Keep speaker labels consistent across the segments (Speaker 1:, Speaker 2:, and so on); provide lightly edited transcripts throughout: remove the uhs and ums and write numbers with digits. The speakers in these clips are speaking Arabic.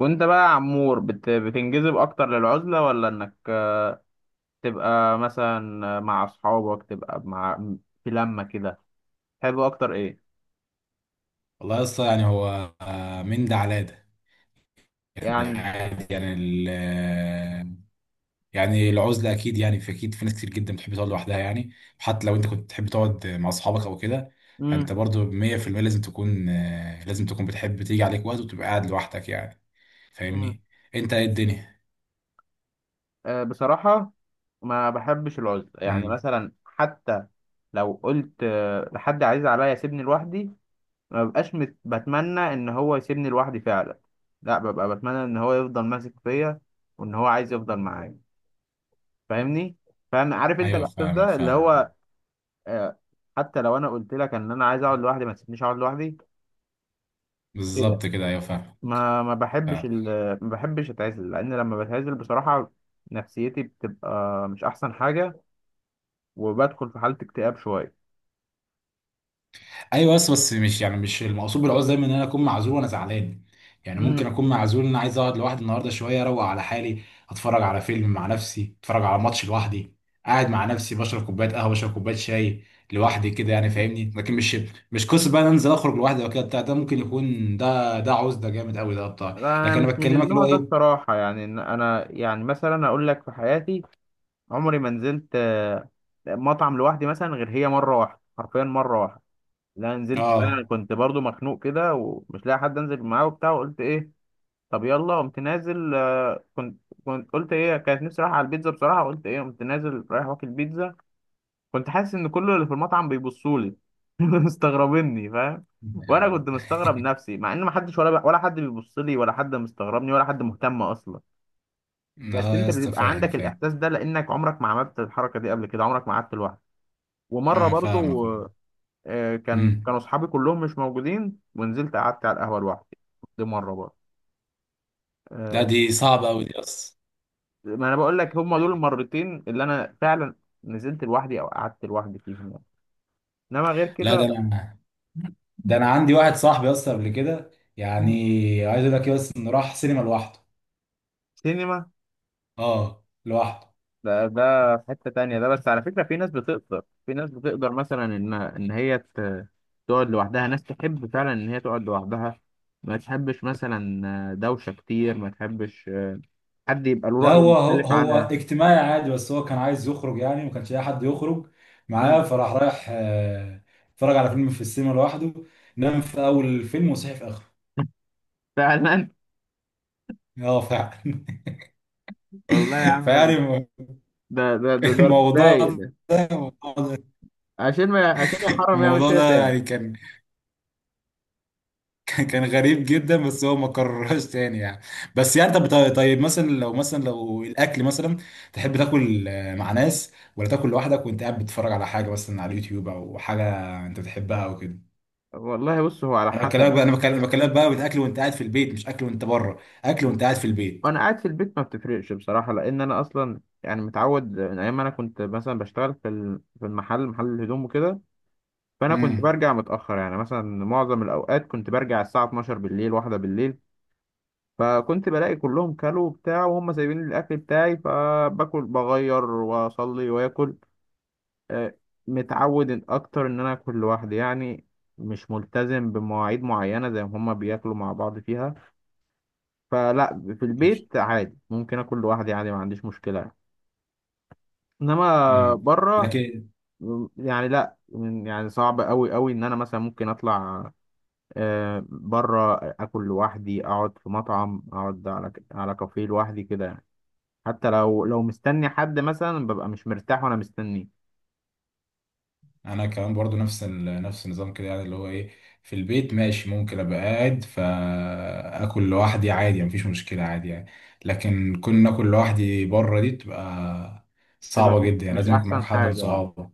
Speaker 1: وانت بقى يا عمور بتنجذب اكتر للعزلة، ولا انك تبقى مثلا مع اصحابك، تبقى مع في لمة كده؟ تحب اكتر ايه
Speaker 2: والله يا اسطى، يعني هو من ده على ده. يعني
Speaker 1: يعني؟
Speaker 2: عادي. يعني ال آه، يعني العزله. اكيد يعني في، اكيد في ناس كتير جدا بتحب تقعد لوحدها يعني. حتى لو انت كنت بتحب تقعد مع اصحابك او كده،
Speaker 1: امم.
Speaker 2: فانت برضو 100% لازم تكون لازم تكون بتحب تيجي عليك وقت وتبقى قاعد لوحدك يعني.
Speaker 1: امم.
Speaker 2: فاهمني؟ انت ايه الدنيا؟
Speaker 1: بصراحة ما بحبش العزلة، يعني
Speaker 2: امم.
Speaker 1: مثلا حتى لو قلت لحد عزيز عليا سيبني لوحدي، ما ببقاش بتمنى ان هو يسيبني لوحدي فعلا. لا، ببقى بتمنى ان هو يفضل ماسك فيا، وان هو عايز يفضل معايا. فاهمني؟ فاهم؟ عارف انت
Speaker 2: ايوه،
Speaker 1: الاحساس
Speaker 2: فاهمك
Speaker 1: ده اللي
Speaker 2: فاهمك.
Speaker 1: هو آه، حتى لو انا قلت لك ان انا عايز اقعد لوحدي ما تسيبنيش اقعد لوحدي كده.
Speaker 2: بالظبط كده، ايوه فاهمك.
Speaker 1: ما ما بحبش
Speaker 2: فاهمك.
Speaker 1: ال... ما بحبش اتعزل، لان لما بتعزل بصراحة نفسيتي بتبقى مش احسن حاجة، وبدخل في حالة اكتئاب شوية.
Speaker 2: ايوه، بس مش يعني، مش المقصود بالعوز دايما ان انا اكون معزول وانا زعلان. يعني
Speaker 1: امم.
Speaker 2: ممكن اكون معزول، ان انا عايز اقعد لوحدي النهارده شويه، اروق على حالي. اتفرج على فيلم مع نفسي، اتفرج على ماتش لوحدي، قاعد مع نفسي بشرب كوبايه قهوه، بشرب كوبايه شاي لوحدي كده يعني، فاهمني؟ لكن مش قصه بقى إن أنا انزل اخرج لوحدي وكده بتاع. ده ممكن يكون ده عوز ده جامد قوي ده بتاع،
Speaker 1: لا، انا
Speaker 2: لكن انا
Speaker 1: مش من
Speaker 2: بكلمك اللي
Speaker 1: النوع
Speaker 2: هو
Speaker 1: ده
Speaker 2: ايه.
Speaker 1: بصراحة، يعني إن انا يعني مثلا اقول لك في حياتي عمري ما نزلت مطعم لوحدي مثلا، غير هي مرة واحدة حرفيا مرة واحدة. لا، نزلت بقى، انا
Speaker 2: اه.
Speaker 1: كنت برضو مخنوق كده ومش لاقي حد انزل معاه وبتاع، وقلت ايه طب يلا قمت نازل. كنت قلت ايه، كانت نفسي رايحة على البيتزا بصراحة، قلت ايه قمت نازل رايح واكل بيتزا. كنت حاسس ان كل اللي في المطعم بيبصوا لي مستغربيني، فاهم؟ وانا كنت مستغرب نفسي، مع ان ما حدش ولا حد بيبص لي، ولا حد مستغربني، ولا حد مهتم اصلا. بس
Speaker 2: اه يا
Speaker 1: انت
Speaker 2: اسطى،
Speaker 1: بيبقى
Speaker 2: فاهم
Speaker 1: عندك
Speaker 2: فاهم.
Speaker 1: الاحساس ده لانك عمرك ما عملت الحركة دي قبل كده، عمرك ما قعدت لوحدك. ومرة
Speaker 2: اه، فاهمك.
Speaker 1: برضو، كان
Speaker 2: امم.
Speaker 1: كانوا اصحابي كلهم مش موجودين ونزلت قعدت على القهوة لوحدي. دي مرة برضو.
Speaker 2: لا،
Speaker 1: آه،
Speaker 2: دي صعبه قوي دي اصلا.
Speaker 1: ما انا بقول لك هم دول المرتين اللي انا فعلا نزلت لوحدي او قعدت لوحدي فيهم يعني. انما غير
Speaker 2: لا،
Speaker 1: كده
Speaker 2: ده
Speaker 1: لا.
Speaker 2: انا ده انا عندي واحد صاحبي اصلا قبل كده يعني،
Speaker 1: مم.
Speaker 2: عايز اقول لك ايه، بس انه راح سينما لوحده.
Speaker 1: سينما؟
Speaker 2: اه، لوحده.
Speaker 1: ده في حتة تانية، ده بس على فكرة في ناس بتقدر، في ناس بتقدر مثلا ان هي تقعد لوحدها، ناس تحب فعلا ان هي تقعد لوحدها، ما تحبش مثلا دوشة كتير، ما تحبش حد يبقى له
Speaker 2: لا،
Speaker 1: رأي
Speaker 2: هو هو
Speaker 1: مختلف
Speaker 2: هو
Speaker 1: عنها.
Speaker 2: اجتماعي عادي، بس هو كان عايز يخرج يعني، ما كانش لاقي حد يخرج معاه،
Speaker 1: مم.
Speaker 2: فراح رايح اتفرج على فيلم في السينما لوحده. نام في اول الفيلم وصحي في اخره.
Speaker 1: فعلا.
Speaker 2: اه فعلا.
Speaker 1: والله يا عم،
Speaker 2: فيعني
Speaker 1: ده رايق
Speaker 2: الموضوع
Speaker 1: ده،
Speaker 2: ده، الموضوع ده
Speaker 1: عشان ما عشان يا حرام يعمل
Speaker 2: الموضوع
Speaker 1: كده
Speaker 2: ده
Speaker 1: تاني.
Speaker 2: يعني كان، كان غريب جدا، بس هو ما كررهاش تاني يعني. بس يعني طب طيب طيب، مثلا لو الاكل مثلا، تحب تاكل مع ناس، ولا تاكل لوحدك وانت قاعد بتتفرج على حاجه مثلا على اليوتيوب، او حاجه انت بتحبها او كده؟
Speaker 1: والله بص، هو على
Speaker 2: انا بكلمك
Speaker 1: حسب.
Speaker 2: بقى، بكلمك بقى من اكل وانت قاعد في البيت، مش اكل وانت بره، اكل وانت قاعد في البيت.
Speaker 1: وانا قاعد في البيت ما بتفرقش بصراحه، لان انا اصلا يعني متعود من ايام ما انا كنت مثلا بشتغل في المحل، محل الهدوم وكده. فانا كنت
Speaker 2: امم.
Speaker 1: برجع متاخر، يعني مثلا معظم الاوقات كنت برجع الساعه 12 بالليل، واحدة بالليل. فكنت بلاقي كلهم كلوا وبتاع، وهم سايبين لي الاكل بتاعي، فباكل بغير واصلي واكل. آه، متعود اكتر ان انا اكل لوحدي يعني، مش ملتزم بمواعيد معينه زي ما هما بياكلوا مع بعض فيها. فلا، في
Speaker 2: ماشي.
Speaker 1: البيت عادي ممكن اكل لوحدي عادي، ما عنديش مشكله. انما
Speaker 2: امم.
Speaker 1: بره
Speaker 2: لكن
Speaker 1: يعني، لا، يعني صعب قوي قوي ان انا مثلا ممكن اطلع بره، اكل لوحدي، اقعد في مطعم، اقعد على على كافيه لوحدي كده يعني. حتى لو لو مستني حد مثلا، ببقى مش مرتاح وانا مستنيه.
Speaker 2: انا كمان برضو نفس نفس النظام كده، يعني اللي هو ايه، في البيت ماشي، ممكن ابقى قاعد فاكل لوحدي عادي، مفيش مشكله عادي يعني. لكن كون اكل لوحدي بره، دي بتبقى
Speaker 1: بيبقى
Speaker 2: صعبه
Speaker 1: مش
Speaker 2: جدا يعني.
Speaker 1: مش
Speaker 2: لازم يكون معاك
Speaker 1: احسن
Speaker 2: حد من
Speaker 1: حاجه. اه.
Speaker 2: صحابك.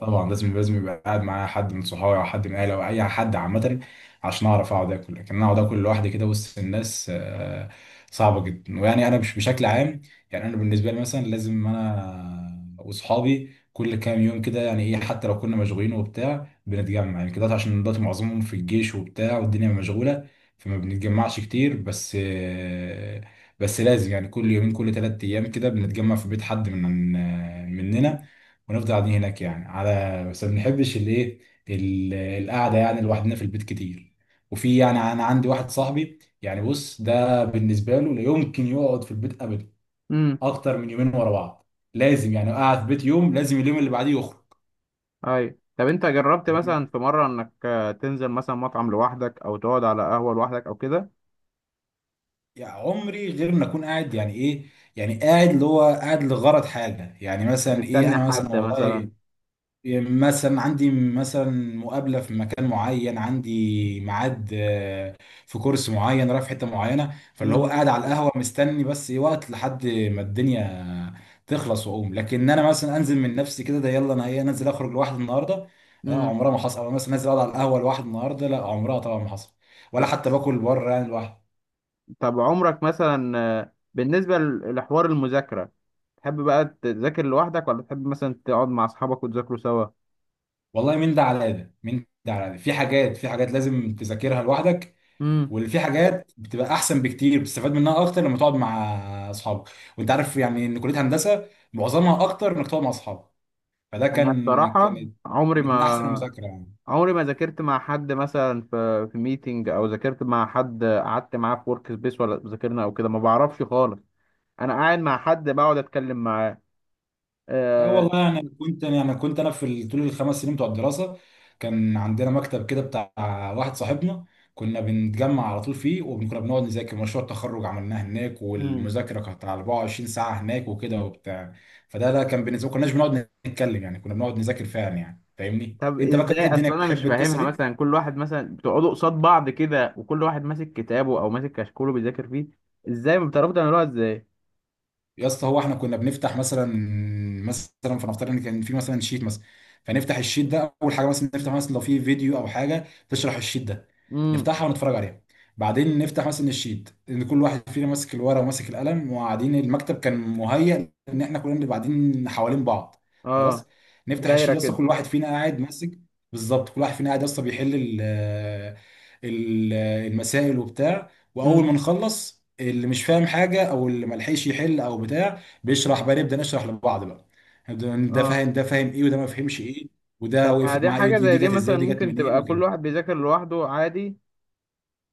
Speaker 2: طبعا، لازم يبقى قاعد معايا حد من صحابي، او حد من اهلي، او اي حد عامه، عشان اعرف اقعد اكل. لكن انا اقعد اكل لوحدي كده وسط الناس صعبه جدا. ويعني انا مش بشكل عام، يعني انا بالنسبه لي مثلا، لازم انا واصحابي كل كام يوم كده يعني ايه، حتى لو كنا مشغولين وبتاع بنتجمع يعني كده. عشان دلوقتي معظمهم في الجيش وبتاع، والدنيا مشغولة، فما بنتجمعش كتير. بس لازم يعني كل يومين كل ثلاث ايام كده بنتجمع في بيت حد من آه، مننا، ونفضل قاعدين هناك يعني. على بس ما بنحبش الايه، القعدة يعني لوحدنا في البيت كتير. وفي يعني، انا عندي واحد صاحبي يعني، بص، ده بالنسبة له لا يمكن يقعد في البيت
Speaker 1: امم.
Speaker 2: اكتر من يومين ورا بعض. لازم يعني اقعد في بيت يوم، لازم اليوم اللي بعديه يخرج.
Speaker 1: اي طب انت جربت
Speaker 2: فاهمني؟
Speaker 1: مثلا في مره انك تنزل مثلا مطعم لوحدك، او تقعد على قهوه لوحدك، او كده؟
Speaker 2: يعني عمري غير ما اكون قاعد يعني ايه، يعني قاعد اللي هو قاعد لغرض حاجه. يعني مثلا ايه،
Speaker 1: مستني
Speaker 2: انا مثلا
Speaker 1: حد
Speaker 2: والله،
Speaker 1: مثلا؟
Speaker 2: مثلا عندي مثلا مقابلة في مكان معين، عندي ميعاد في كورس معين، رايح في حتة معينة، فاللي هو
Speaker 1: امم.
Speaker 2: قاعد على القهوة مستني بس إيه وقت لحد ما الدنيا تخلص واقوم. لكن انا مثلا انزل من نفسي كده، ده يلا انا ايه انزل اخرج لوحدي النهارده، لا
Speaker 1: امم.
Speaker 2: عمرها ما حصل. او مثلا نازل اقعد على القهوة لوحدي النهارده، لا عمرها طبعا ما حصل. ولا حتى باكل بره يعني لوحدي.
Speaker 1: طب عمرك مثلا بالنسبة لحوار المذاكرة، تحب بقى تذاكر لوحدك، ولا تحب مثلا تقعد مع أصحابك وتذاكروا سوا؟
Speaker 2: والله، من ده على ده، من ده على ده. في حاجات، في حاجات لازم تذاكرها لوحدك،
Speaker 1: امم.
Speaker 2: واللي في حاجات بتبقى احسن بكتير، بتستفاد منها اكتر لما تقعد مع اصحابك. وانت عارف يعني ان كليه هندسه معظمها اكتر انك تقعد مع اصحابك، فده
Speaker 1: أنا
Speaker 2: كان كانت
Speaker 1: بصراحة
Speaker 2: كانت من احسن المذاكره يعني.
Speaker 1: عمري ما ذاكرت مع حد مثلا، في ميتنج، أو ذاكرت مع حد قعدت معاه في ورك سبيس ولا ذاكرنا، أو كده ما بعرفش خالص. أنا قاعد مع حد بقعد أتكلم معاه.
Speaker 2: لا
Speaker 1: آه،
Speaker 2: والله، يعني كنت انا في طول الخمس سنين بتوع الدراسه، كان عندنا مكتب كده بتاع واحد صاحبنا، كنا بنتجمع على طول فيه، وكنا بنقعد نذاكر. مشروع التخرج عملناه هناك، والمذاكره كانت على 24 ساعه هناك وكده وبتاع. فده لا، كان بالنسبه ما كناش بنقعد نتكلم يعني، كنا بنقعد نذاكر فعلا يعني، فاهمني؟
Speaker 1: طب
Speaker 2: انت بقى كانت
Speaker 1: ازاي؟
Speaker 2: إيه الدنيا
Speaker 1: اصل انا مش
Speaker 2: بتحب القصه
Speaker 1: فاهمها،
Speaker 2: دي؟
Speaker 1: مثلا كل واحد مثلا بتقعدوا قصاد بعض كده، وكل واحد ماسك كتابه او ماسك كشكوله بيذاكر فيه، ازاي ما بتعرفوا تعملوها ازاي؟
Speaker 2: يا اسطى، هو احنا كنا بنفتح مثلا، مثلا فنفترض ان كان في مثلا شيت مثلا، فنفتح الشيت ده. اول حاجه مثلا نفتح مثلا لو في فيديو او حاجه تشرح الشيت ده،
Speaker 1: امم.
Speaker 2: نفتحها ونتفرج عليها. بعدين نفتح مثلا الشيت، ان كل واحد فينا ماسك الورقه وماسك القلم وقاعدين. المكتب كان مهيأ ان احنا كلنا نبقى قاعدين حوالين بعض.
Speaker 1: اه.
Speaker 2: خلاص، نفتح
Speaker 1: دايره
Speaker 2: الشيت يا اسطى،
Speaker 1: كده.
Speaker 2: كل واحد فينا قاعد ماسك. بالظبط، كل واحد فينا قاعد يا اسطى بيحل ال- المسائل وبتاع. واول
Speaker 1: امم.
Speaker 2: ما نخلص، اللي مش فاهم حاجه، او اللي ما لحقش يحل او بتاع بيشرح بقى، نبدا نشرح لبعض بقى. نبدأ ده
Speaker 1: اه.
Speaker 2: فاهم، ده فاهم ايه، وده ما فهمش ايه، وده
Speaker 1: طب ما
Speaker 2: وقفت
Speaker 1: دي
Speaker 2: معاه ايه،
Speaker 1: حاجه
Speaker 2: دي
Speaker 1: زي
Speaker 2: دي
Speaker 1: دي
Speaker 2: جت ازاي،
Speaker 1: مثلا
Speaker 2: ودي جت
Speaker 1: ممكن
Speaker 2: منين،
Speaker 1: تبقى كل
Speaker 2: وكده.
Speaker 1: واحد بيذاكر لوحده عادي،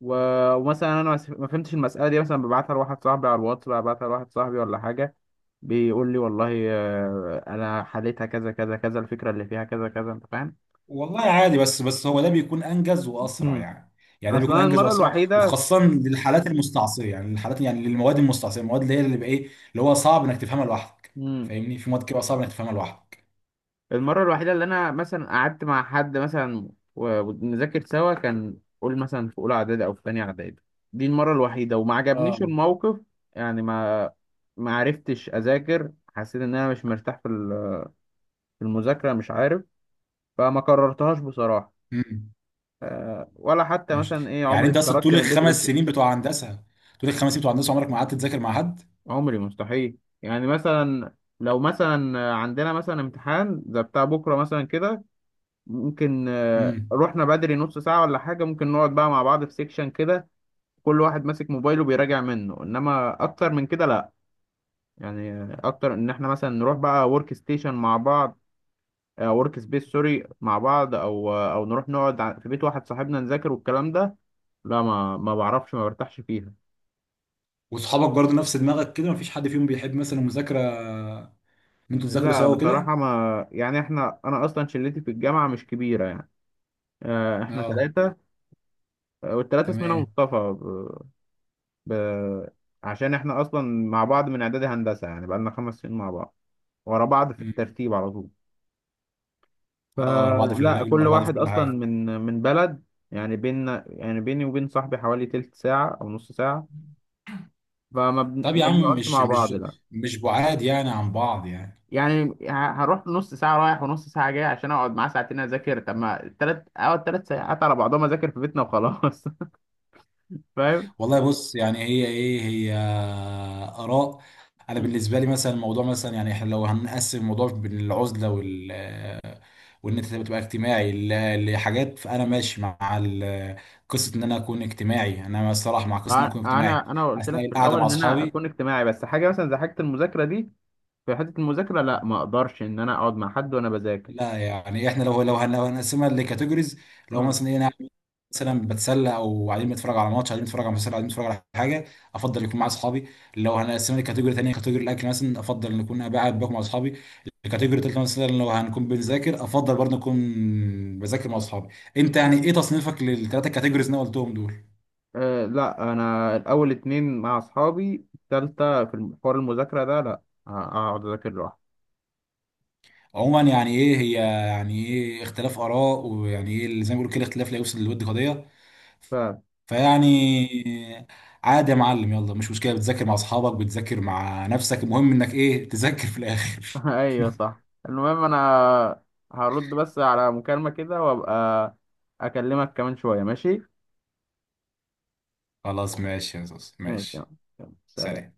Speaker 1: و... ومثلا انا ما فهمتش المساله دي مثلا، ببعتها لواحد صاحبي على الواتس بقى، ببعتها لواحد صاحبي ولا حاجه، بيقول لي والله انا حليتها كذا كذا كذا، الفكره اللي فيها كذا كذا، انت فاهم.
Speaker 2: والله عادي، بس هو ده بيكون انجز واسرع
Speaker 1: امم.
Speaker 2: يعني. يعني ده بيكون
Speaker 1: اصلا
Speaker 2: انجز
Speaker 1: المره
Speaker 2: واسرع،
Speaker 1: الوحيده
Speaker 2: وخاصه للحالات المستعصيه يعني، الحالات يعني للمواد المستعصيه، المواد اللي هي، اللي بقى ايه، اللي هو صعب انك تفهمها لوحدك. فاهمني؟ في مواد كده صعب انك تفهمها لوحدك.
Speaker 1: المرة الوحيدة اللي أنا مثلا قعدت مع حد مثلا ونذاكر سوا، كان قول مثلا في أولى إعدادي أو في تانية إعدادي. دي المرة الوحيدة وما عجبنيش
Speaker 2: اه.
Speaker 1: الموقف. يعني ما عرفتش أذاكر، حسيت إن أنا مش مرتاح في المذاكرة، مش عارف. فما كررتهاش بصراحة.
Speaker 2: مم.
Speaker 1: ولا حتى
Speaker 2: ماشي.
Speaker 1: مثلا إيه
Speaker 2: يعني
Speaker 1: عمري
Speaker 2: انت اصلا
Speaker 1: اتخرجت
Speaker 2: طول
Speaker 1: من البيت
Speaker 2: الخمس
Speaker 1: قلت
Speaker 2: سنين بتوع هندسه، طول الخمس سنين بتوع هندسه عمرك ما قعدت تذاكر مع حد؟
Speaker 1: عمري مستحيل. يعني مثلا لو مثلا عندنا مثلا امتحان زي بتاع بكرة مثلا كده، ممكن
Speaker 2: امم.
Speaker 1: رحنا بدري نص ساعة ولا حاجة، ممكن نقعد بقى مع بعض في سيكشن كده، كل واحد ماسك موبايله بيراجع منه. انما اكتر من كده لا، يعني اكتر ان احنا مثلا نروح بقى ورك ستيشن مع بعض، ورك سبيس سوري مع بعض، او او نروح نقعد في بيت واحد صاحبنا نذاكر والكلام ده، لا، ما بعرفش، ما برتاحش فيها.
Speaker 2: وصحابك برضه نفس دماغك كده؟ مفيش حد فيهم بيحب مثلا المذاكره ان انتوا تذاكروا
Speaker 1: لا
Speaker 2: سوا وكده؟
Speaker 1: بصراحة، ما يعني احنا، انا اصلا شلتي في الجامعة مش كبيرة يعني، احنا
Speaker 2: اه.
Speaker 1: ثلاثة، والثلاثة اسمنا
Speaker 2: تمام.
Speaker 1: مصطفى. ب... عشان احنا اصلا مع بعض من اعدادي هندسه، يعني بقالنا 5 سنين مع بعض ورا بعض في
Speaker 2: امم.
Speaker 1: الترتيب على طول.
Speaker 2: اه، ورا بعض في
Speaker 1: فلا،
Speaker 2: اللجنه،
Speaker 1: كل
Speaker 2: ورا بعض في
Speaker 1: واحد
Speaker 2: كل
Speaker 1: اصلا
Speaker 2: حاجه.
Speaker 1: من بلد، يعني بيننا يعني بيني وبين صاحبي حوالي تلت ساعه او نص ساعه،
Speaker 2: طب يا
Speaker 1: ما
Speaker 2: عم،
Speaker 1: بنقعدش
Speaker 2: مش
Speaker 1: مع
Speaker 2: مش
Speaker 1: بعض لا،
Speaker 2: مش بعاد يعني عن بعض يعني.
Speaker 1: يعني هروح نص ساعه رايح ونص ساعه جاي عشان اقعد معاه ساعتين اذاكر؟ طب ما التلات اقعد 3 ساعات على بعضهم اذاكر في بيتنا وخلاص. فاهم؟
Speaker 2: والله بص، يعني هي ايه، هي اراء. انا
Speaker 1: مم.
Speaker 2: بالنسبه لي مثلا، الموضوع مثلا يعني، احنا لو هنقسم الموضوع بين العزله وال آه، وان انت تبقى اجتماعي لحاجات، فانا ماشي مع قصه ان انا اكون اجتماعي. انا الصراحه مع قصه ان انا
Speaker 1: ع-
Speaker 2: اكون اجتماعي
Speaker 1: انا قلت لك
Speaker 2: اثناء
Speaker 1: في
Speaker 2: القعده
Speaker 1: الاول
Speaker 2: مع
Speaker 1: ان انا اكون
Speaker 2: اصحابي.
Speaker 1: اجتماعي، بس حاجه مثلا زي حاجه المذاكره دي، في حتة المذاكرة لا، ما اقدرش ان انا اقعد مع حد وانا بذاكر.
Speaker 2: لا يعني احنا لو هنقسمها لكاتيجوريز، لو
Speaker 1: اه.
Speaker 2: مثلا ايه، أنا قاعد مثلا بتسلى، او قاعدين بنتفرج على ماتش، قاعدين بنتفرج على مسلسل، قاعدين بنتفرج على حاجه، افضل يكون مع اصحابي. لو هنقسمها لكاتيجوري تانية، كاتيجوري الاكل مثلا، افضل ان اكون قاعد باكل مع اصحابي. الكاتيجوري التالتة مثلا، لو هنكون بنذاكر، افضل برضه نكون بذاكر مع اصحابي. انت يعني ايه تصنيفك للثلاثه كاتيجوريز اللي انا قلتهم دول؟
Speaker 1: أه لا، انا الاول اتنين مع اصحابي، التالتة في حوار المذاكرة ده لا، اقعد اذاكر لوحدي.
Speaker 2: عموما يعني ايه هي، يعني ايه، اختلاف اراء، ويعني ايه اللي زي ما بيقولوا كده، اختلاف لا يوصل للود قضيه.
Speaker 1: ف...
Speaker 2: فيعني عادي يا معلم، يلا مش مشكلة. بتذاكر مع أصحابك، بتذاكر مع نفسك، المهم إنك إيه، تذاكر في الآخر.
Speaker 1: ايوه صح. المهم انا هرد بس على مكالمة كده، وابقى اكلمك كمان شوية ماشي؟
Speaker 2: خلاص، ماشي يا زوز،
Speaker 1: ماشي يلا.
Speaker 2: ماشي.
Speaker 1: يلا، سلام.
Speaker 2: سلام.